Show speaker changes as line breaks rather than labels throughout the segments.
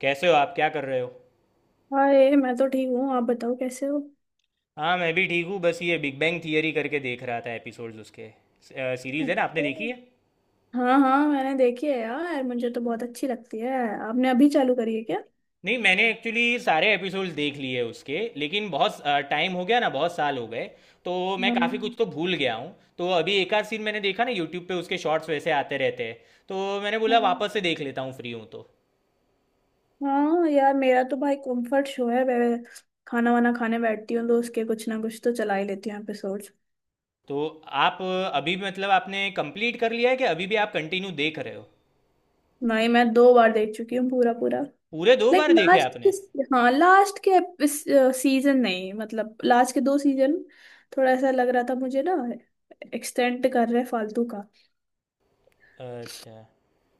कैसे हो आप? क्या कर रहे हो?
हाय, मैं तो ठीक हूँ। आप बताओ कैसे हो।
हाँ, मैं भी ठीक हूँ। बस ये बिग बैंग थियरी करके देख रहा था, एपिसोड्स उसके। सीरीज़ है ना, आपने देखी
अच्छा।
है?
हाँ हाँ, मैंने देखी है यार, मुझे तो बहुत अच्छी लगती है। आपने अभी चालू करी है क्या?
नहीं, मैंने एक्चुअली सारे एपिसोड्स देख लिए उसके, लेकिन बहुत टाइम हो गया ना, बहुत साल हो गए। तो मैं काफ़ी कुछ
हाँ।
तो भूल गया हूँ, तो अभी एक आध सीन मैंने देखा ना यूट्यूब पे, उसके शॉर्ट्स वैसे आते रहते हैं। तो मैंने बोला
हाँ।
वापस से देख लेता हूँ, फ्री हूँ तो।
हाँ यार, मेरा तो भाई कंफर्ट शो है। मैं खाना वाना खाने बैठती हूँ तो उसके कुछ ना कुछ तो चला ही लेती हूँ एपिसोड्स।
तो आप अभी, मतलब, आपने कंप्लीट कर लिया है कि अभी भी आप कंटिन्यू देख रहे हो?
नहीं, मैं दो बार देख चुकी हूँ पूरा पूरा।
पूरे दो
लाइक
बार देखे
लास्ट
आपने?
के। हाँ लास्ट के इस सीजन, नहीं मतलब लास्ट के दो सीजन थोड़ा ऐसा लग रहा था मुझे ना, एक्सटेंड कर रहे फालतू का।
अच्छा,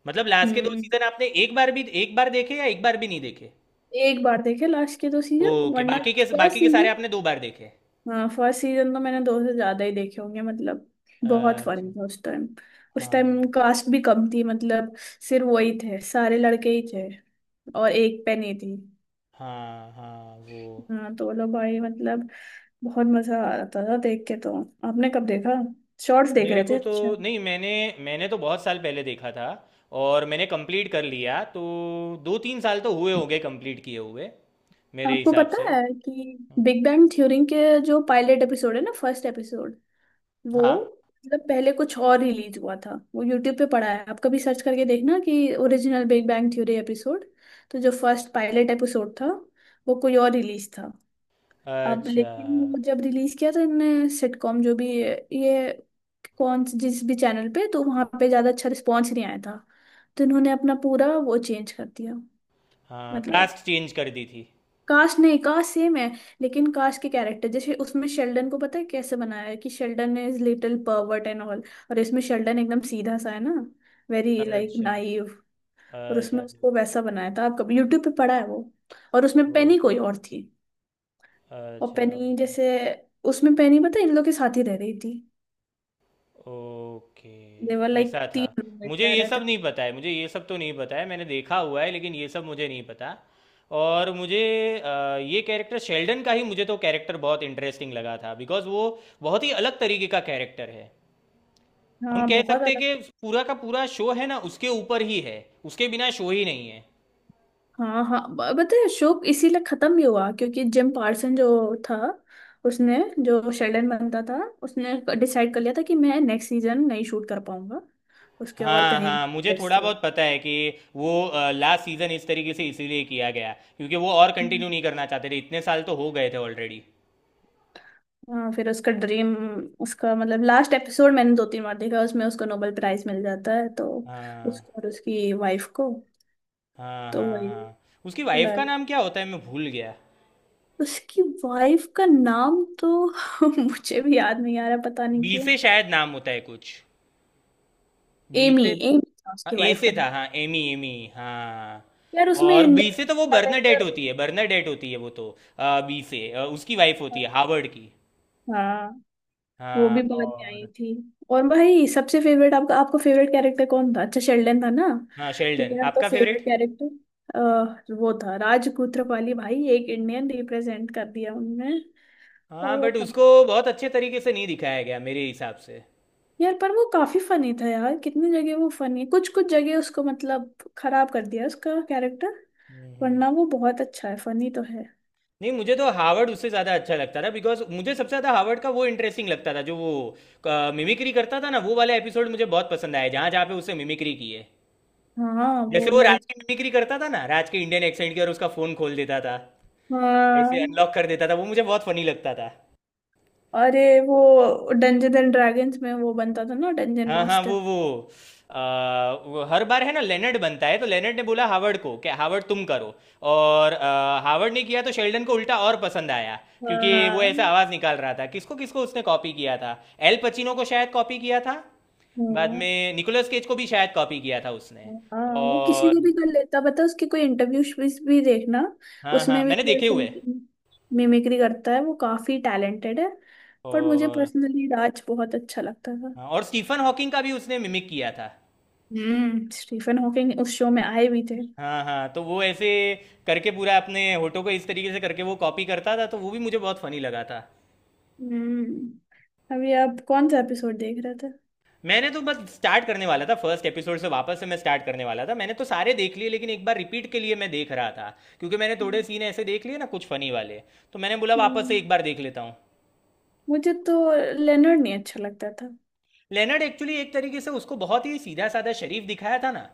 मतलब लास्ट के दो
हम्म।
सीजन आपने एक बार भी, एक बार देखे या एक बार भी नहीं देखे?
एक बार देखे लास्ट के दो सीजन,
ओके,
वरना
बाकी के
फर्स्ट
बाकी के सारे
सीजन।
आपने दो बार देखे?
हाँ फर्स्ट सीजन तो मैंने दो से ज्यादा ही देखे होंगे मतलब। बहुत
अच्छा।
फनी था उस टाइम। उस
हाँ
टाइम कास्ट भी कम थी मतलब, सिर्फ वही थे, सारे लड़के ही थे और एक पे नहीं थी।
हाँ, हाँ वो।
हाँ तो बोलो भाई मतलब, बहुत मजा आ रहा था देख के तो। आपने कब देखा? शॉर्ट्स देख
मेरे
रहे थे,
को तो,
अच्छा।
नहीं मैंने मैंने तो बहुत साल पहले देखा था, और मैंने कंप्लीट कर लिया तो 2-3 साल तो हुए होंगे कंप्लीट किए हुए, मेरे
आपको
हिसाब
पता
से।
है
हम्म।
कि बिग बैंग थ्योरी के जो पायलट एपिसोड है ना, फर्स्ट एपिसोड, वो
हाँ।
मतलब पहले कुछ और रिलीज हुआ था। वो यूट्यूब पे पड़ा है, आप कभी सर्च करके देखना कि original big bang theory episode. तो जो फर्स्ट पायलट एपिसोड था वो कोई और रिलीज था। अब
अच्छा।
लेकिन वो जब रिलीज किया तो इनने सिटकॉम, जो भी ये कौन जिस भी चैनल पे, तो वहां पे ज्यादा अच्छा रिस्पॉन्स नहीं आया था। तो इन्होंने अपना पूरा वो चेंज कर दिया।
हाँ,
मतलब
कास्ट चेंज कर दी थी।
काश नहीं, काश सेम है, लेकिन काश के कैरेक्टर जैसे उसमें, शेल्डन को पता है कैसे बनाया है कि Sheldon is little pervert and all, और इसमें शेल्डन एकदम सीधा सा है ना, वेरी लाइक
अच्छा।
नाइव। और उसमें
अच्छा,
उसको वैसा बनाया था, आप कभी यूट्यूब पे पढ़ा है वो। और उसमें पेनी
ओके।
कोई और थी। और
अच्छा,
पेनी
ओके।
जैसे, उसमें पेनी पता है इन लोग के साथ ही रह रही थी। देवर
ओके,
लाइक
ऐसा था।
तीन रूममेट
मुझे
रह
ये
रहे थे।
सब नहीं पता है, मुझे ये सब तो नहीं पता है, मैंने देखा हुआ है लेकिन ये सब मुझे नहीं पता। और मुझे ये कैरेक्टर शेल्डन का ही, मुझे तो कैरेक्टर बहुत इंटरेस्टिंग लगा था बिकॉज वो बहुत ही अलग तरीके का कैरेक्टर है। हम
हाँ
कह
बहुत
सकते हैं
अलग।
कि पूरा का पूरा शो है ना उसके ऊपर ही है, उसके बिना शो ही नहीं है।
हाँ हाँ, पता है शो इसीलिए खत्म भी हुआ क्योंकि जिम पार्सन जो था, उसने, जो शेल्डन बनता था, उसने डिसाइड कर लिया था कि मैं नेक्स्ट सीजन नहीं शूट कर पाऊंगा, उसके और
हाँ
कहीं
हाँ, मुझे
प्रोजेक्ट्स
थोड़ा
थे।
बहुत पता है कि वो लास्ट सीजन इस तरीके से इसीलिए किया गया, क्योंकि वो और कंटिन्यू नहीं करना चाहते थे, इतने साल तो हो गए थे ऑलरेडी।
हाँ फिर उसका ड्रीम, उसका मतलब लास्ट एपिसोड मैंने दो तीन बार देखा, उसमें उसको नोबेल प्राइज मिल जाता है तो,
हाँ
उसको और उसकी वाइफ को।
हाँ
तो
हाँ।
वही
हाँ, उसकी वाइफ का
like,
नाम क्या होता है? मैं भूल गया।
उसकी वाइफ का नाम तो मुझे भी याद नहीं आ रहा, पता नहीं
बी
क्यों।
से शायद नाम होता है कुछ। बी
एमी,
से।
एमी था उसकी
ए
वाइफ
से
का।
था, हाँ, एमी एमी, हाँ।
यार उसमें
और बी
इंडियन
से तो वो बर्नाडेट
कैरेक्टर।
होती है, बर्नाडेट होती है वो तो। बी से उसकी वाइफ होती है हार्वर्ड की।
हाँ वो
हाँ
भी बाद में आई
और,
थी। और भाई सबसे फेवरेट आपका, आपका फेवरेट कैरेक्टर कौन था? अच्छा, शेल्डन था ना।
हाँ, शेल्डन
मेरा तो
आपका
फेवरेट
फेवरेट।
कैरेक्टर वो था, राजकूत्रपाली भाई, एक इंडियन रिप्रेजेंट कर दिया उनने।
हाँ
और वो
बट
का,
उसको बहुत अच्छे तरीके से नहीं दिखाया गया मेरे हिसाब से।
यार पर वो काफी फनी था यार, कितनी जगह वो फनी, कुछ कुछ जगह उसको मतलब खराब कर दिया उसका कैरेक्टर,
हम्म।
वरना वो बहुत अच्छा है, फनी तो है।
नहीं, मुझे तो हावर्ड उससे ज़्यादा अच्छा लगता था, बिकॉज मुझे सबसे ज़्यादा हावर्ड का वो इंटरेस्टिंग लगता था, जो वो मिमिक्री करता था ना, वो वाला एपिसोड मुझे बहुत पसंद आया, जहाँ जहाँ पे उससे मिमिक्री की है।
हाँ
जैसे
वो
वो राज
लाइक।
की मिमिक्री करता था ना, राज के इंडियन एक्सेंट की, और उसका फ़ोन खोल देता था,
हाँ
ऐसे अनलॉक कर देता था, वो मुझे बहुत फनी लगता था।
अरे, वो डंजन एंड ड्रैगन्स में वो बनता था ना डंजन
हाँ हाँ,
मास्टर।
वो वो हर बार है ना, लेनर्ड बनता है तो लेनर्ड ने बोला हावर्ड को कि हावर्ड तुम करो, और हावर्ड ने किया तो शेल्डन को उल्टा और पसंद आया,
हाँ
क्योंकि वो ऐसा
हाँ
आवाज निकाल रहा था। किसको किसको उसने कॉपी किया था? एल पचिनो को शायद कॉपी किया था। बाद
हाँ।
में निकोलस केज को भी शायद कॉपी किया था उसने।
हाँ वो किसी
और
को भी कर लेता, बता उसके कोई इंटरव्यू भी देखना,
हाँ हाँ,
उसमें भी
मैंने
वो
देखे
ऐसे
हुए।
मिमिक्री करता है, वो काफी टैलेंटेड है। पर मुझे
और
पर्सनली राज बहुत अच्छा लगता था।
हाँ, और स्टीफन हॉकिंग का भी उसने मिमिक किया था।
हम्म। स्टीफन हॉकिंग उस शो में आए भी थे।
हाँ हाँ, तो वो ऐसे करके, पूरा अपने होठों को इस तरीके से करके वो कॉपी करता था, तो वो भी मुझे बहुत फनी लगा था।
हम्म, अभी आप कौन सा एपिसोड देख रहे थे?
मैंने तो बस स्टार्ट करने वाला था, फर्स्ट एपिसोड से वापस से मैं स्टार्ट करने वाला था। मैंने तो सारे देख लिए लेकिन एक बार रिपीट के लिए मैं देख रहा था, क्योंकि मैंने थोड़े सीन ऐसे देख लिए ना कुछ फनी वाले, तो मैंने बोला वापस से
हम्म,
एक बार देख लेता हूँ।
मुझे तो लेनर्ड नहीं अच्छा लगता था।
लेनर्ड एक्चुअली एक तरीके से उसको बहुत ही सीधा साधा शरीफ दिखाया था ना,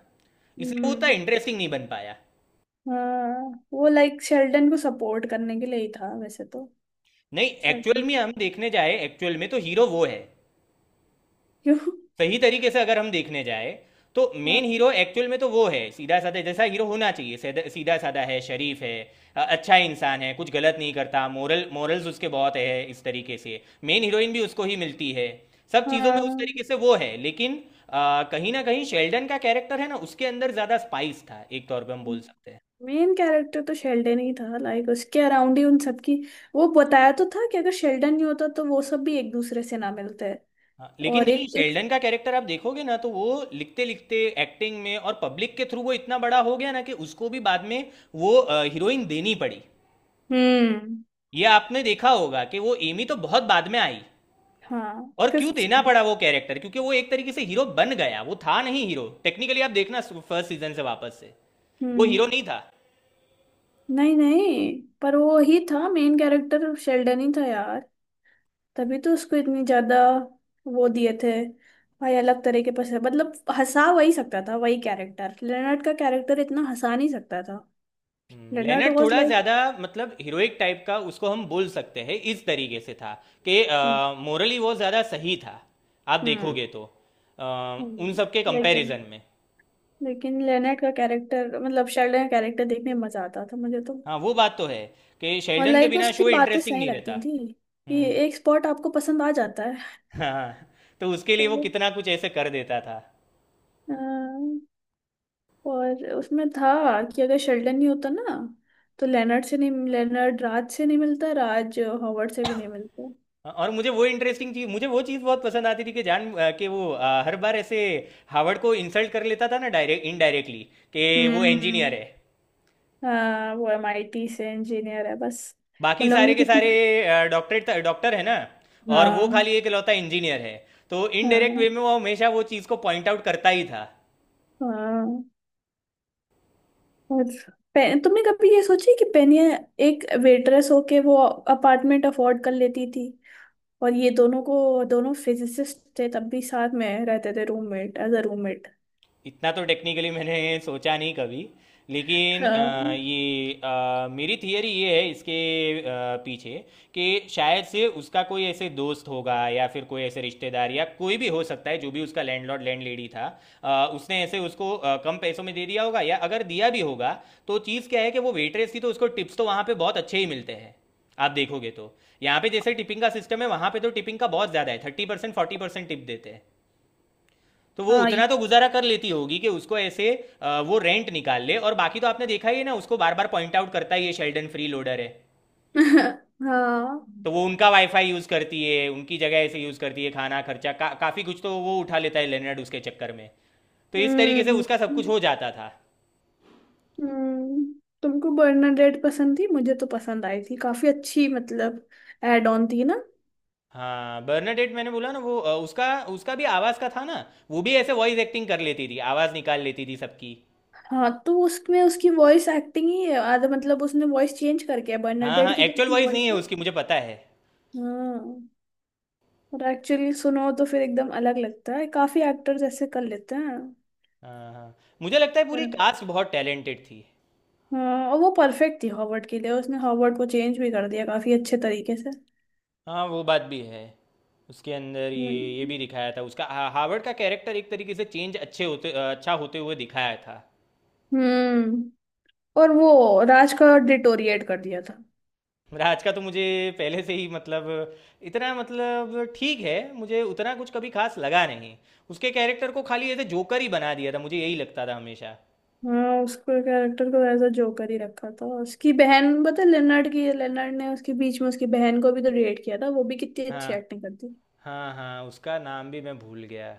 इसलिए वो उतना
हम्म।
इंटरेस्टिंग नहीं बन पाया।
हाँ वो लाइक शेल्डन को सपोर्ट करने के लिए ही था वैसे तो।
नहीं, एक्चुअल
शेल्डन।
में हम देखने जाए, एक्चुअल में तो हीरो वो है।
क्यों?
सही तरीके से अगर हम देखने जाए, तो मेन
हाँ
हीरो एक्चुअल में तो वो है, सीधा साधा जैसा हीरो होना चाहिए, सीधा- सीधा साधा है, शरीफ है, अच्छा इंसान है, कुछ गलत नहीं करता, मोरल्स उसके बहुत है, इस तरीके से, मेन हीरोइन भी उसको ही मिलती है, सब चीज़ों में उस
हाँ।
तरीके से वो है। लेकिन कहीं ना कहीं शेल्डन का कैरेक्टर है ना, उसके अंदर ज़्यादा स्पाइस था, एक तौर पे हम बोल सकते हैं।
मेन कैरेक्टर तो शेल्डन ही था, लाइक उसके अराउंड ही उन सबकी, वो बताया तो था कि अगर शेल्डन नहीं होता तो वो सब भी एक दूसरे से ना मिलते।
हाँ, लेकिन
और
नहीं,
एक,
शेल्डन का कैरेक्टर आप देखोगे ना तो वो लिखते लिखते एक्टिंग में और पब्लिक के थ्रू वो इतना बड़ा हो गया ना कि उसको भी बाद में वो हीरोइन देनी पड़ी।
हम्म।
ये आपने देखा होगा कि वो एमी तो बहुत बाद में आई।
हाँ
और क्यों
फिफ्थ।
देना पड़ा वो कैरेक्टर? क्योंकि वो एक तरीके से हीरो बन गया, वो था नहीं हीरो टेक्निकली। आप देखना फर्स्ट सीजन से वापस से, वो हीरो
हम्म।
नहीं था।
नहीं नहीं, पर वो ही था मेन कैरेक्टर, शेल्डन ही था यार। तभी तो उसको इतनी ज्यादा वो दिए थे भाई, अलग तरह के पसंद मतलब, हंसा वही सकता था, वही कैरेक्टर, लेनर्ड का कैरेक्टर इतना हंसा नहीं सकता था। लेनर्ड
लेनर्ड
वाज
थोड़ा
लाइक।
ज्यादा, मतलब हीरोइक टाइप का उसको हम बोल सकते हैं, इस तरीके से था कि
हम्म।
मोरली वो ज्यादा सही था, आप
हम्म।
देखोगे तो, अ, उन
हम्म।
सब के
लेकिन
कंपैरिजन में।
लेकिन लेनर्ड का कैरेक्टर मतलब शेल्डन का कैरेक्टर देखने में मजा आता था मुझे तो।
हाँ, वो बात तो है कि
और
शेल्डन के
लाइक
बिना शो
उसकी बातें
इंटरेस्टिंग
सही
नहीं
लगती
रहता।
थी कि
हम्म।
एक स्पॉट आपको पसंद आ जाता है।
हाँ। तो उसके लिए वो कितना कुछ ऐसे कर देता था।
तो, और उसमें था कि अगर शेल्डन नहीं होता ना, तो लेनर्ड से नहीं, लेनर्ड राज से नहीं मिलता, राज हॉवर्ड से भी नहीं मिलता।
और मुझे वो इंटरेस्टिंग चीज मुझे वो चीज़ बहुत पसंद आती थी, कि जान कि वो हर बार ऐसे हावर्ड को इंसल्ट कर लेता था ना, डायरेक्ट इनडायरेक्टली, कि वो
हम्म।
इंजीनियर है,
हाँ वो एमआईटी से इंजीनियर है बस।
बाकी
उन लोगों
सारे
ने
के
क्योंकि,
सारे डॉक्टरेट डॉक्टर है ना, और वो
हाँ।
खाली एक लौता इंजीनियर है। तो इनडायरेक्ट वे
हाँ।
में वो हमेशा वो चीज़ को पॉइंट आउट करता ही था।
हाँ। और तुमने कभी ये सोची कि पेनिया एक वेटरेस होके वो अपार्टमेंट अफोर्ड कर लेती थी, और ये दोनों को, दोनों फिजिसिस्ट थे तब भी साथ में रहते थे रूममेट एज अ रूममेट।
इतना तो टेक्निकली मैंने सोचा नहीं कभी, लेकिन
हाँ
ये मेरी थियरी ये है इसके अ, पीछे, कि शायद से उसका कोई ऐसे दोस्त होगा, या फिर कोई ऐसे रिश्तेदार, या कोई भी हो सकता है जो भी उसका लैंडलॉर्ड लैंड लेडी था, उसने ऐसे उसको कम पैसों में दे दिया होगा। या अगर दिया भी होगा, तो चीज़ क्या है कि वो वेटरेस थी तो उसको टिप्स तो वहाँ पे बहुत अच्छे ही मिलते हैं, आप देखोगे तो। यहाँ पे जैसे टिपिंग का सिस्टम है, वहाँ पे तो टिपिंग का बहुत ज़्यादा है, 30% 40% टिप देते हैं। तो वो
हाँ ये
उतना तो गुजारा कर लेती होगी कि उसको ऐसे वो रेंट निकाल ले, और बाकी तो आपने देखा ही है ना, उसको बार बार पॉइंट आउट करता ही है ये, शेल्डन फ्री लोडर है।
हाँ।
तो वो उनका वाईफाई यूज़ करती है, उनकी जगह ऐसे यूज़ करती है, खाना खर्चा का काफ़ी कुछ तो वो उठा लेता है, लेनर्ड उसके चक्कर में। तो इस तरीके से
हम्म।
उसका सब कुछ हो जाता था।
हम्म। तुमको बर्नाडेट पसंद थी? मुझे तो पसंद आई थी, काफी अच्छी, मतलब एड ऑन थी ना।
हाँ, बर्नाडेट, मैंने बोला ना वो उसका उसका भी आवाज़ का था ना, वो भी ऐसे वॉइस एक्टिंग कर लेती थी, आवाज़ निकाल लेती थी सबकी।
हाँ तो उसमें उसकी वॉइस एक्टिंग ही आधा मतलब, उसने वॉइस चेंज करके है,
हाँ हाँ,
बर्नाडेट की जो
एक्चुअल
उसकी
वॉइस नहीं
वॉइस
है
है।
उसकी, मुझे पता है।
हाँ और एक्चुअली सुनो तो फिर एकदम अलग लगता है, काफी एक्टर्स ऐसे कर लेते हैं।
हाँ। हाँ, मुझे लगता है पूरी
पर
कास्ट बहुत टैलेंटेड थी।
हाँ, और वो परफेक्ट थी हॉवर्ड के लिए, उसने हॉवर्ड को चेंज भी कर दिया काफी अच्छे तरीके से।
हाँ, वो बात भी है, उसके अंदर ये
हम्म।
भी दिखाया था, उसका हावर्ड का कैरेक्टर एक तरीके से चेंज, अच्छा होते हुए दिखाया था।
हम्म। और वो राज का डिटोरिएट कर दिया था।
राज का तो मुझे पहले से ही, मतलब, इतना, मतलब ठीक है, मुझे उतना कुछ कभी खास लगा नहीं, उसके कैरेक्टर को खाली ऐसे जोकर ही बना दिया था, मुझे यही लगता था हमेशा।
हाँ उसको, कैरेक्टर को ऐसा जोकर ही रखा था। उसकी बहन पता है, लेनर्ड की, लेनर्ड ने उसके बीच में उसकी बहन को भी तो रेट किया था, वो भी कितनी अच्छी
हाँ
एक्टिंग करती है।
हाँ हाँ, उसका नाम भी मैं भूल गया।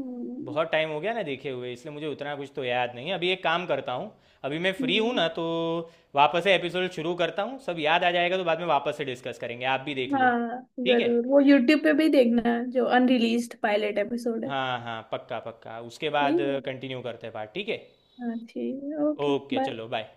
हम्म।
बहुत टाइम हो गया ना देखे हुए, इसलिए मुझे उतना कुछ तो याद नहीं है। अभी एक काम करता हूँ, अभी मैं फ्री हूँ
हम्म।
ना तो वापस से एपिसोड शुरू करता हूँ, सब याद आ जाएगा, तो बाद में वापस से डिस्कस करेंगे, आप भी देख लो।
हाँ
ठीक है।
जरूर, वो यूट्यूब पे भी देखना जो अनरिलीज्ड पायलट एपिसोड है।
हाँ हाँ, पक्का पक्का, उसके बाद
ठीक है।
कंटिन्यू करते हैं बात। ठीक है।
हाँ ठीक है, ओके
ओके,
बाय।
चलो बाय।